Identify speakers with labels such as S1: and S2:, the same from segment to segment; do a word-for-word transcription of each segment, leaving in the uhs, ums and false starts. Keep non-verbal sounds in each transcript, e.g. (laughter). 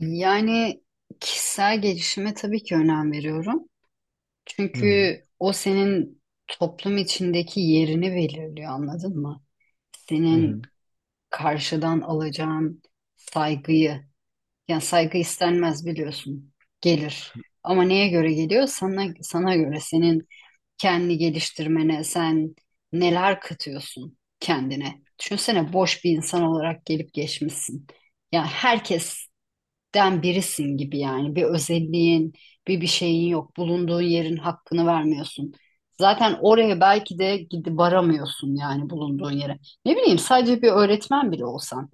S1: Yani kişisel gelişime tabii ki önem veriyorum.
S2: Hı hı.
S1: Çünkü o senin toplum içindeki yerini belirliyor, anladın mı?
S2: Hı
S1: Senin
S2: hı.
S1: karşıdan alacağın saygıyı, yani saygı istenmez biliyorsun, gelir. Ama neye göre geliyor? Sana, sana göre senin kendi geliştirmene, sen neler katıyorsun kendine. Düşünsene boş bir insan olarak gelip geçmişsin. Yani herkes den birisin gibi yani. Bir özelliğin, bir bir şeyin yok. Bulunduğun yerin hakkını vermiyorsun. Zaten oraya belki de gidip varamıyorsun yani bulunduğun yere. Ne bileyim sadece bir öğretmen bile olsan.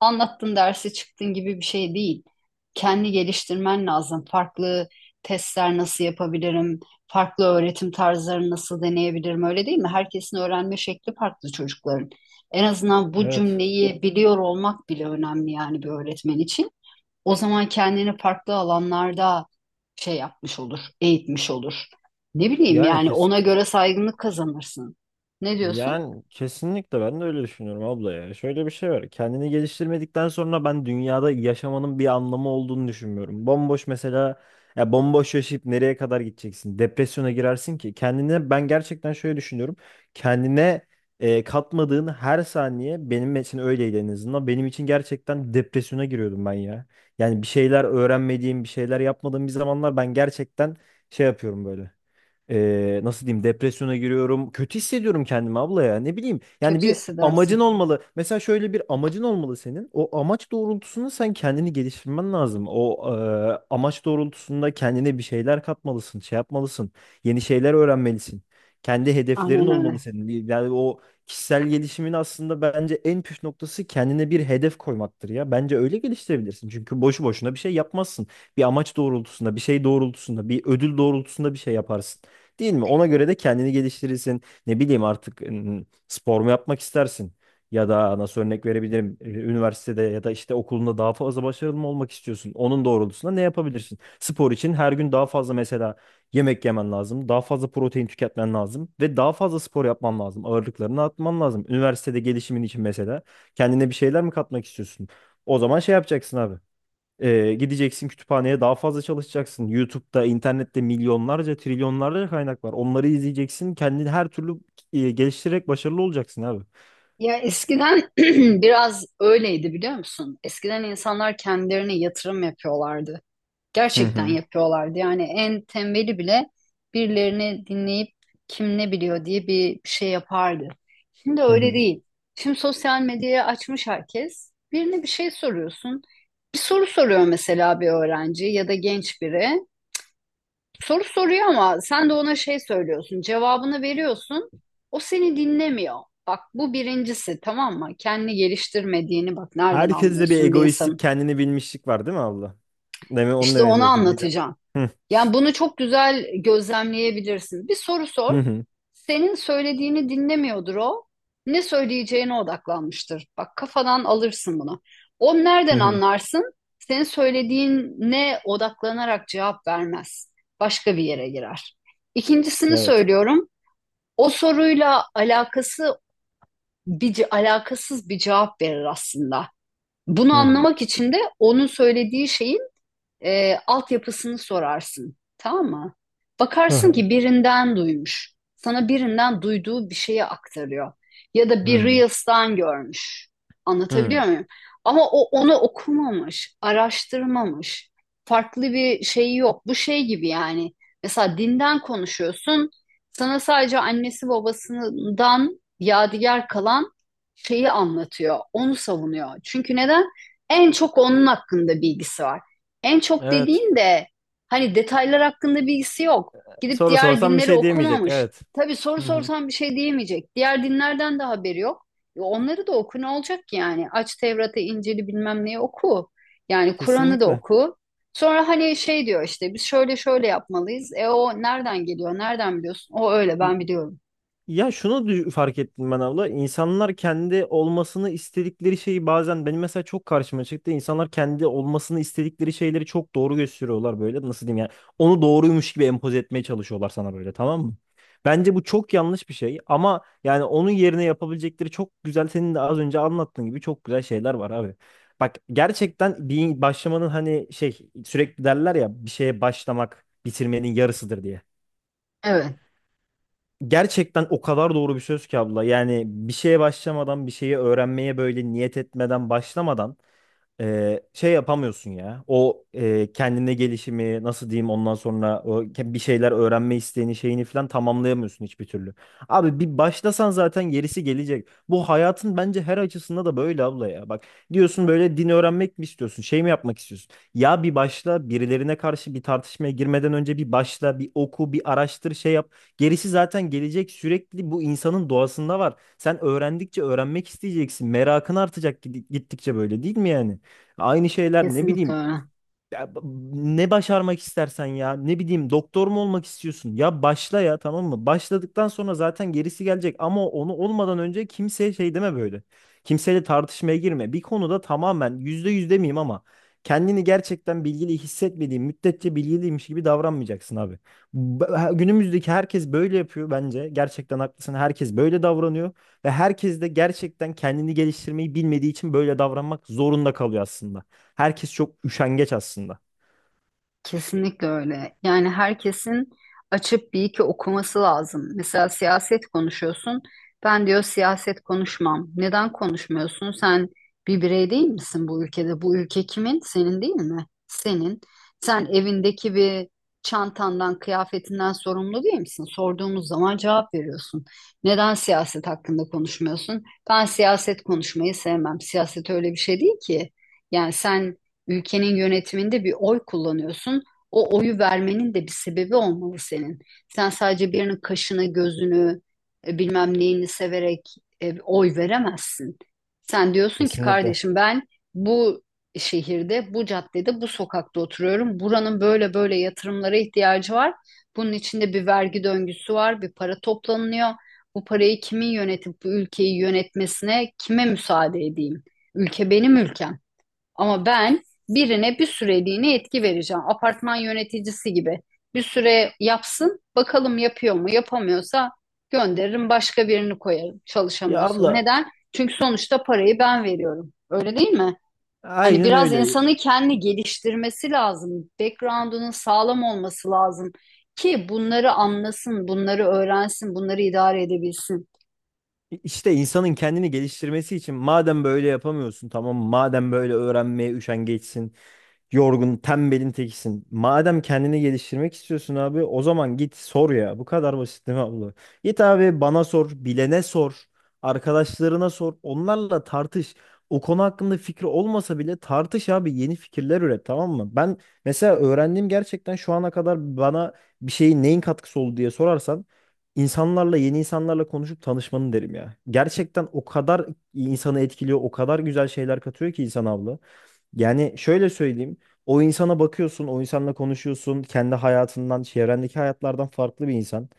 S1: Anlattın dersi çıktın gibi bir şey değil. Kendi geliştirmen lazım. Farklı testler nasıl yapabilirim? Farklı öğretim tarzlarını nasıl deneyebilirim? Öyle değil mi? Herkesin öğrenme şekli farklı çocukların. En azından bu
S2: Evet.
S1: cümleyi biliyor olmak bile önemli yani bir öğretmen için. O zaman kendini farklı alanlarda şey yapmış olur, eğitmiş olur. Ne bileyim
S2: Yani
S1: yani
S2: kes
S1: ona göre saygınlık kazanırsın. Ne diyorsun?
S2: yani kesinlikle ben de öyle düşünüyorum abla ya. Şöyle bir şey var. Kendini geliştirmedikten sonra ben dünyada yaşamanın bir anlamı olduğunu düşünmüyorum. Bomboş mesela ya, bomboş yaşayıp nereye kadar gideceksin? Depresyona girersin ki. Kendine ben gerçekten şöyle düşünüyorum. Kendine e, katmadığın her saniye benim için öyleydi en azından. Benim için gerçekten depresyona giriyordum ben ya. Yani bir şeyler öğrenmediğim, bir şeyler yapmadığım bir zamanlar ben gerçekten şey yapıyorum böyle. E, nasıl diyeyim, depresyona giriyorum. Kötü hissediyorum kendimi abla ya. Ne bileyim. Yani
S1: Kötü
S2: bir amacın
S1: hissedersin.
S2: olmalı. Mesela şöyle bir amacın olmalı senin. O amaç doğrultusunda sen kendini geliştirmen lazım. O e, amaç doğrultusunda kendine bir şeyler katmalısın, şey yapmalısın. Yeni şeyler öğrenmelisin. Kendi hedeflerin
S1: Aynen
S2: olmalı
S1: öyle.
S2: senin. Yani o kişisel gelişimin aslında bence en püf noktası kendine bir hedef koymaktır ya. Bence öyle geliştirebilirsin. Çünkü boşu boşuna bir şey yapmazsın. Bir amaç doğrultusunda, bir şey doğrultusunda, bir ödül doğrultusunda bir şey yaparsın. Değil mi? Ona göre de kendini geliştirirsin. Ne bileyim artık ım, spor mu yapmak istersin? Ya da nasıl örnek verebilirim? Ee, Üniversitede ya da işte okulunda daha fazla başarılı mı olmak istiyorsun? Onun doğrultusunda ne yapabilirsin? Spor için her gün daha fazla mesela yemek yemen lazım. Daha fazla protein tüketmen lazım. Ve daha fazla spor yapman lazım. Ağırlıklarını atman lazım. Üniversitede gelişimin için mesela kendine bir şeyler mi katmak istiyorsun? O zaman şey yapacaksın abi. Ee, gideceksin kütüphaneye, daha fazla çalışacaksın. YouTube'da, internette milyonlarca, trilyonlarca kaynak var. Onları izleyeceksin. Kendini her türlü e, geliştirerek başarılı olacaksın abi.
S1: Ya eskiden (clears throat) biraz öyleydi biliyor musun? Eskiden insanlar kendilerine yatırım yapıyorlardı.
S2: Hı
S1: Gerçekten
S2: hı.
S1: yapıyorlardı. Yani en tembeli bile birilerini dinleyip kim ne biliyor diye bir şey yapardı. Şimdi
S2: Hı
S1: öyle
S2: hı.
S1: değil. Şimdi sosyal medyayı açmış herkes. Birine bir şey soruyorsun. Bir soru soruyor mesela bir öğrenci ya da genç biri. Soru soruyor ama sen de ona şey söylüyorsun, cevabını veriyorsun. O seni dinlemiyor. Bak bu birincisi tamam mı? Kendini geliştirmediğini bak nereden
S2: Herkeste bir
S1: anlıyorsun bir
S2: egoistlik,
S1: insanın?
S2: kendini bilmişlik var değil mi abla? Deme onu
S1: İşte
S2: demeye
S1: onu
S2: çalışıyorum bir de.
S1: anlatacağım.
S2: Hı
S1: Yani bunu çok güzel gözlemleyebilirsin. Bir soru sor.
S2: hı, hı
S1: Senin söylediğini dinlemiyordur o. Ne söyleyeceğine odaklanmıştır. Bak kafadan alırsın bunu. O
S2: hı.
S1: nereden
S2: Hı.
S1: anlarsın? Senin söylediğine odaklanarak cevap vermez. Başka bir yere girer. İkincisini
S2: Evet.
S1: söylüyorum. O soruyla alakası bir ce- alakasız bir cevap verir aslında. Bunu
S2: Hı hı.
S1: anlamak için de onun söylediği şeyi e, altyapısını sorarsın. Tamam mı?
S2: Hı
S1: Bakarsın
S2: hı.
S1: ki birinden duymuş. Sana birinden duyduğu bir şeyi aktarıyor. Ya da
S2: Hı
S1: bir
S2: hı.
S1: Reels'tan görmüş. Anlatabiliyor
S2: Hı.
S1: muyum? Ama o onu okumamış, araştırmamış. Farklı bir şey yok. Bu şey gibi yani. Mesela dinden konuşuyorsun. Sana sadece annesi babasından yadigar kalan şeyi anlatıyor. Onu savunuyor. Çünkü neden? En çok onun hakkında bilgisi var. En çok
S2: Evet.
S1: dediğin de hani detaylar hakkında bilgisi yok. Gidip
S2: Soru
S1: diğer
S2: sorsam bir
S1: dinleri
S2: şey diyemeyecek.
S1: okumamış.
S2: Evet.
S1: Tabii soru
S2: Hı hı.
S1: sorsan bir şey diyemeyecek. Diğer dinlerden de haberi yok. E onları da oku ne olacak ki yani? Aç Tevrat'ı, İncil'i bilmem neyi oku. Yani Kur'an'ı da
S2: Kesinlikle.
S1: oku. Sonra hani şey diyor işte biz şöyle şöyle yapmalıyız. E o nereden geliyor? Nereden biliyorsun? O öyle ben biliyorum.
S2: Ya şunu dü- fark ettim ben abla. İnsanlar kendi olmasını istedikleri şeyi bazen benim mesela çok karşıma çıktı. İnsanlar kendi olmasını istedikleri şeyleri çok doğru gösteriyorlar böyle. Nasıl diyeyim yani? Onu doğruymuş gibi empoze etmeye çalışıyorlar sana böyle, tamam mı? Bence bu çok yanlış bir şey ama yani onun yerine yapabilecekleri çok güzel, senin de az önce anlattığın gibi çok güzel şeyler var abi. Bak gerçekten bir başlamanın hani şey, sürekli derler ya bir şeye başlamak bitirmenin yarısıdır diye.
S1: Evet,
S2: Gerçekten o kadar doğru bir söz ki abla. Yani bir şeye başlamadan, bir şeyi öğrenmeye böyle niyet etmeden, başlamadan e, şey yapamıyorsun ya. O e, kendine gelişimi, nasıl diyeyim, ondan sonra o ke- bir şeyler öğrenme isteğini şeyini falan tamamlayamıyorsun hiçbir türlü. Abi bir başlasan zaten gerisi gelecek. Bu hayatın bence her açısında da böyle abla ya. Bak, diyorsun böyle, din öğrenmek mi istiyorsun? Şey mi yapmak istiyorsun? Ya bir başla, birilerine karşı bir tartışmaya girmeden önce bir başla, bir oku, bir araştır, şey yap. Gerisi zaten gelecek. Sürekli bu insanın doğasında var. Sen öğrendikçe öğrenmek isteyeceksin. Merakın artacak gidi- gittikçe, böyle değil mi yani? Aynı şeyler ne
S1: kesinlikle
S2: bileyim
S1: öyle.
S2: ya, b- ne başarmak istersen, ya ne bileyim, doktor mu olmak istiyorsun ya başla ya, tamam mı? Başladıktan sonra zaten gerisi gelecek ama onu olmadan önce kimseye şey deme böyle. Kimseyle tartışmaya girme. Bir konuda tamamen yüzde yüz demeyeyim ama kendini gerçekten bilgili hissetmediğin müddetçe bilgiliymiş gibi davranmayacaksın abi. B- ha- Günümüzdeki herkes böyle yapıyor bence. Gerçekten haklısın. Herkes böyle davranıyor ve herkes de gerçekten kendini geliştirmeyi bilmediği için böyle davranmak zorunda kalıyor aslında. Herkes çok üşengeç aslında.
S1: Kesinlikle öyle. Yani herkesin açıp bir iki okuması lazım. Mesela siyaset konuşuyorsun. Ben diyor siyaset konuşmam. Neden konuşmuyorsun? Sen bir birey değil misin bu ülkede? Bu ülke kimin? Senin değil mi? Senin. Sen evindeki bir çantandan, kıyafetinden sorumlu değil misin? Sorduğumuz zaman cevap veriyorsun. Neden siyaset hakkında konuşmuyorsun? Ben siyaset konuşmayı sevmem. Siyaset öyle bir şey değil ki. Yani sen ülkenin yönetiminde bir oy kullanıyorsun. O oyu vermenin de bir sebebi olmalı senin. Sen sadece birinin kaşını, gözünü, e, bilmem neyini severek e, oy veremezsin. Sen diyorsun ki
S2: Kesinlikle.
S1: kardeşim ben bu şehirde, bu caddede, bu sokakta oturuyorum. Buranın böyle böyle yatırımlara ihtiyacı var. Bunun içinde bir vergi döngüsü var, bir para toplanıyor. Bu parayı kimin yönetip bu ülkeyi yönetmesine kime müsaade edeyim? Ülke benim ülkem. Ama ben birine bir süreliğine etki vereceğim. Apartman yöneticisi gibi. Bir süre yapsın, bakalım yapıyor mu? Yapamıyorsa gönderirim, başka birini koyarım
S2: Ya
S1: çalışamıyorsa.
S2: abla,
S1: Neden? Çünkü sonuçta parayı ben veriyorum. Öyle değil mi? Hani
S2: aynen
S1: biraz
S2: öyle.
S1: insanın kendi geliştirmesi lazım. Background'unun sağlam olması lazım ki bunları anlasın, bunları öğrensin, bunları idare edebilsin.
S2: İşte insanın kendini geliştirmesi için madem böyle yapamıyorsun, tamam mı? Madem böyle öğrenmeye üşengeçsin, yorgun, tembelin tekisin. Madem kendini geliştirmek istiyorsun abi, o zaman git sor ya. Bu kadar basit değil mi abla? Git abi, bana sor, bilene sor, arkadaşlarına sor, onlarla tartış. O konu hakkında fikri olmasa bile tartış abi, yeni fikirler üret, tamam mı? Ben mesela öğrendiğim, gerçekten şu ana kadar bana bir şeyin, neyin katkısı oldu diye sorarsan, insanlarla, yeni insanlarla konuşup tanışmanın derim ya. Gerçekten o kadar insanı etkiliyor, o kadar güzel şeyler katıyor ki insan abla. Yani şöyle söyleyeyim. O insana bakıyorsun, o insanla konuşuyorsun. Kendi hayatından, çevrendeki hayatlardan farklı bir insan.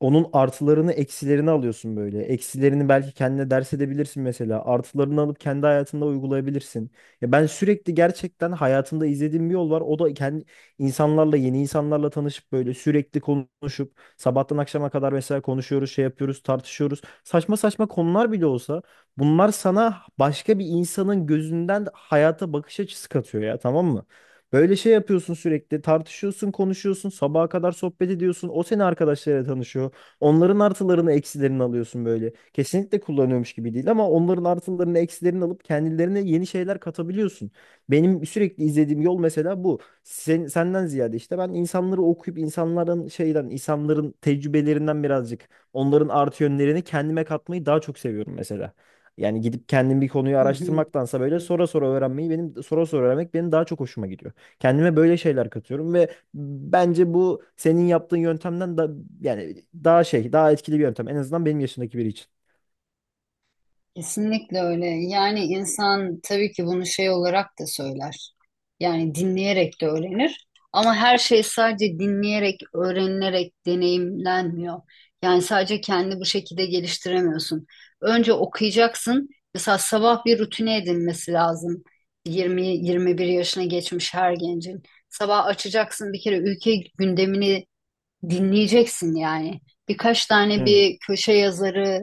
S2: Onun artılarını eksilerini alıyorsun böyle. Eksilerini belki kendine ders edebilirsin mesela. Artılarını alıp kendi hayatında uygulayabilirsin. Ya ben sürekli gerçekten hayatımda izlediğim bir yol var. O da kendi insanlarla, yeni insanlarla tanışıp böyle sürekli konuşup sabahtan akşama kadar mesela konuşuyoruz, şey yapıyoruz, tartışıyoruz. Saçma saçma konular bile olsa bunlar sana başka bir insanın gözünden hayata bakış açısı katıyor ya, tamam mı? Böyle şey yapıyorsun, sürekli tartışıyorsun, konuşuyorsun, sabaha kadar sohbet ediyorsun, o seni arkadaşlarıyla tanışıyor. Onların artılarını eksilerini alıyorsun böyle. Kesinlikle kullanıyormuş gibi değil ama onların artılarını eksilerini alıp kendilerine yeni şeyler katabiliyorsun. Benim sürekli izlediğim yol mesela bu. Sen, senden ziyade işte ben insanları okuyup, insanların şeyden, insanların tecrübelerinden birazcık onların artı yönlerini kendime katmayı daha çok seviyorum mesela. Yani gidip kendim bir konuyu
S1: Hı hı.
S2: araştırmaktansa böyle sonra sonra öğrenmeyi, benim sonra sonra öğrenmek benim daha çok hoşuma gidiyor. Kendime böyle şeyler katıyorum ve bence bu senin yaptığın yöntemden da yani daha şey, daha etkili bir yöntem. En azından benim yaşımdaki biri için.
S1: Kesinlikle öyle. Yani insan tabii ki bunu şey olarak da söyler. Yani dinleyerek de öğrenir. Ama her şey sadece dinleyerek, öğrenilerek deneyimlenmiyor. Yani sadece kendi bu şekilde geliştiremiyorsun. Önce okuyacaksın. Mesela sabah bir rutine edinmesi lazım. Yirmi yirmi bir yaşına geçmiş her gencin. Sabah açacaksın bir kere ülke gündemini dinleyeceksin yani. Birkaç tane
S2: Hı,
S1: bir köşe yazarı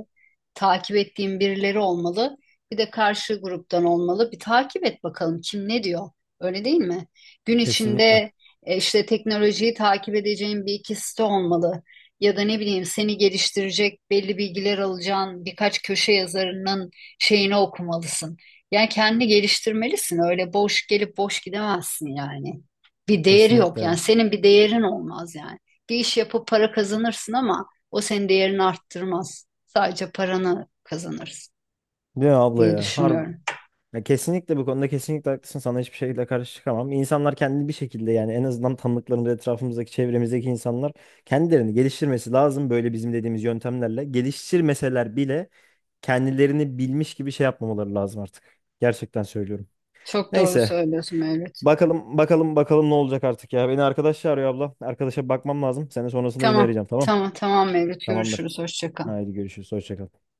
S1: takip ettiğim birileri olmalı. Bir de karşı gruptan olmalı. Bir takip et bakalım kim ne diyor. Öyle değil mi? Gün
S2: kesinlikle.
S1: içinde e, işte teknolojiyi takip edeceğin bir iki site olmalı. Ya da ne bileyim seni geliştirecek belli bilgiler alacağın birkaç köşe yazarının şeyini okumalısın. Yani kendini geliştirmelisin. Öyle boş gelip boş gidemezsin yani. Bir değeri
S2: Kesinlikle
S1: yok yani
S2: ya.
S1: senin bir değerin olmaz yani bir iş yapıp para kazanırsın ama o senin değerini arttırmaz. Sadece paranı kazanırsın
S2: Değil mi abla
S1: diye
S2: ya? Harbi.
S1: düşünüyorum.
S2: Ya kesinlikle, bu konuda kesinlikle haklısın. Sana hiçbir şekilde karşı çıkamam. İnsanlar kendini bir şekilde, yani en azından tanıdıklarımız, etrafımızdaki, çevremizdeki insanlar kendilerini geliştirmesi lazım. Böyle bizim dediğimiz yöntemlerle. Geliştirmeseler bile kendilerini bilmiş gibi şey yapmamaları lazım artık. Gerçekten söylüyorum.
S1: Çok doğru
S2: Neyse.
S1: söylüyorsun Mevlüt.
S2: Bakalım, bakalım, bakalım ne olacak artık ya. Beni arkadaş çağırıyor abla. Arkadaşa bakmam lazım. Seni sonrasında yine
S1: Tamam,
S2: arayacağım, tamam.
S1: tamam, tamam Mevlüt.
S2: Tamamdır.
S1: Görüşürüz. Hoşça kal.
S2: Haydi görüşürüz. Hoşça kal.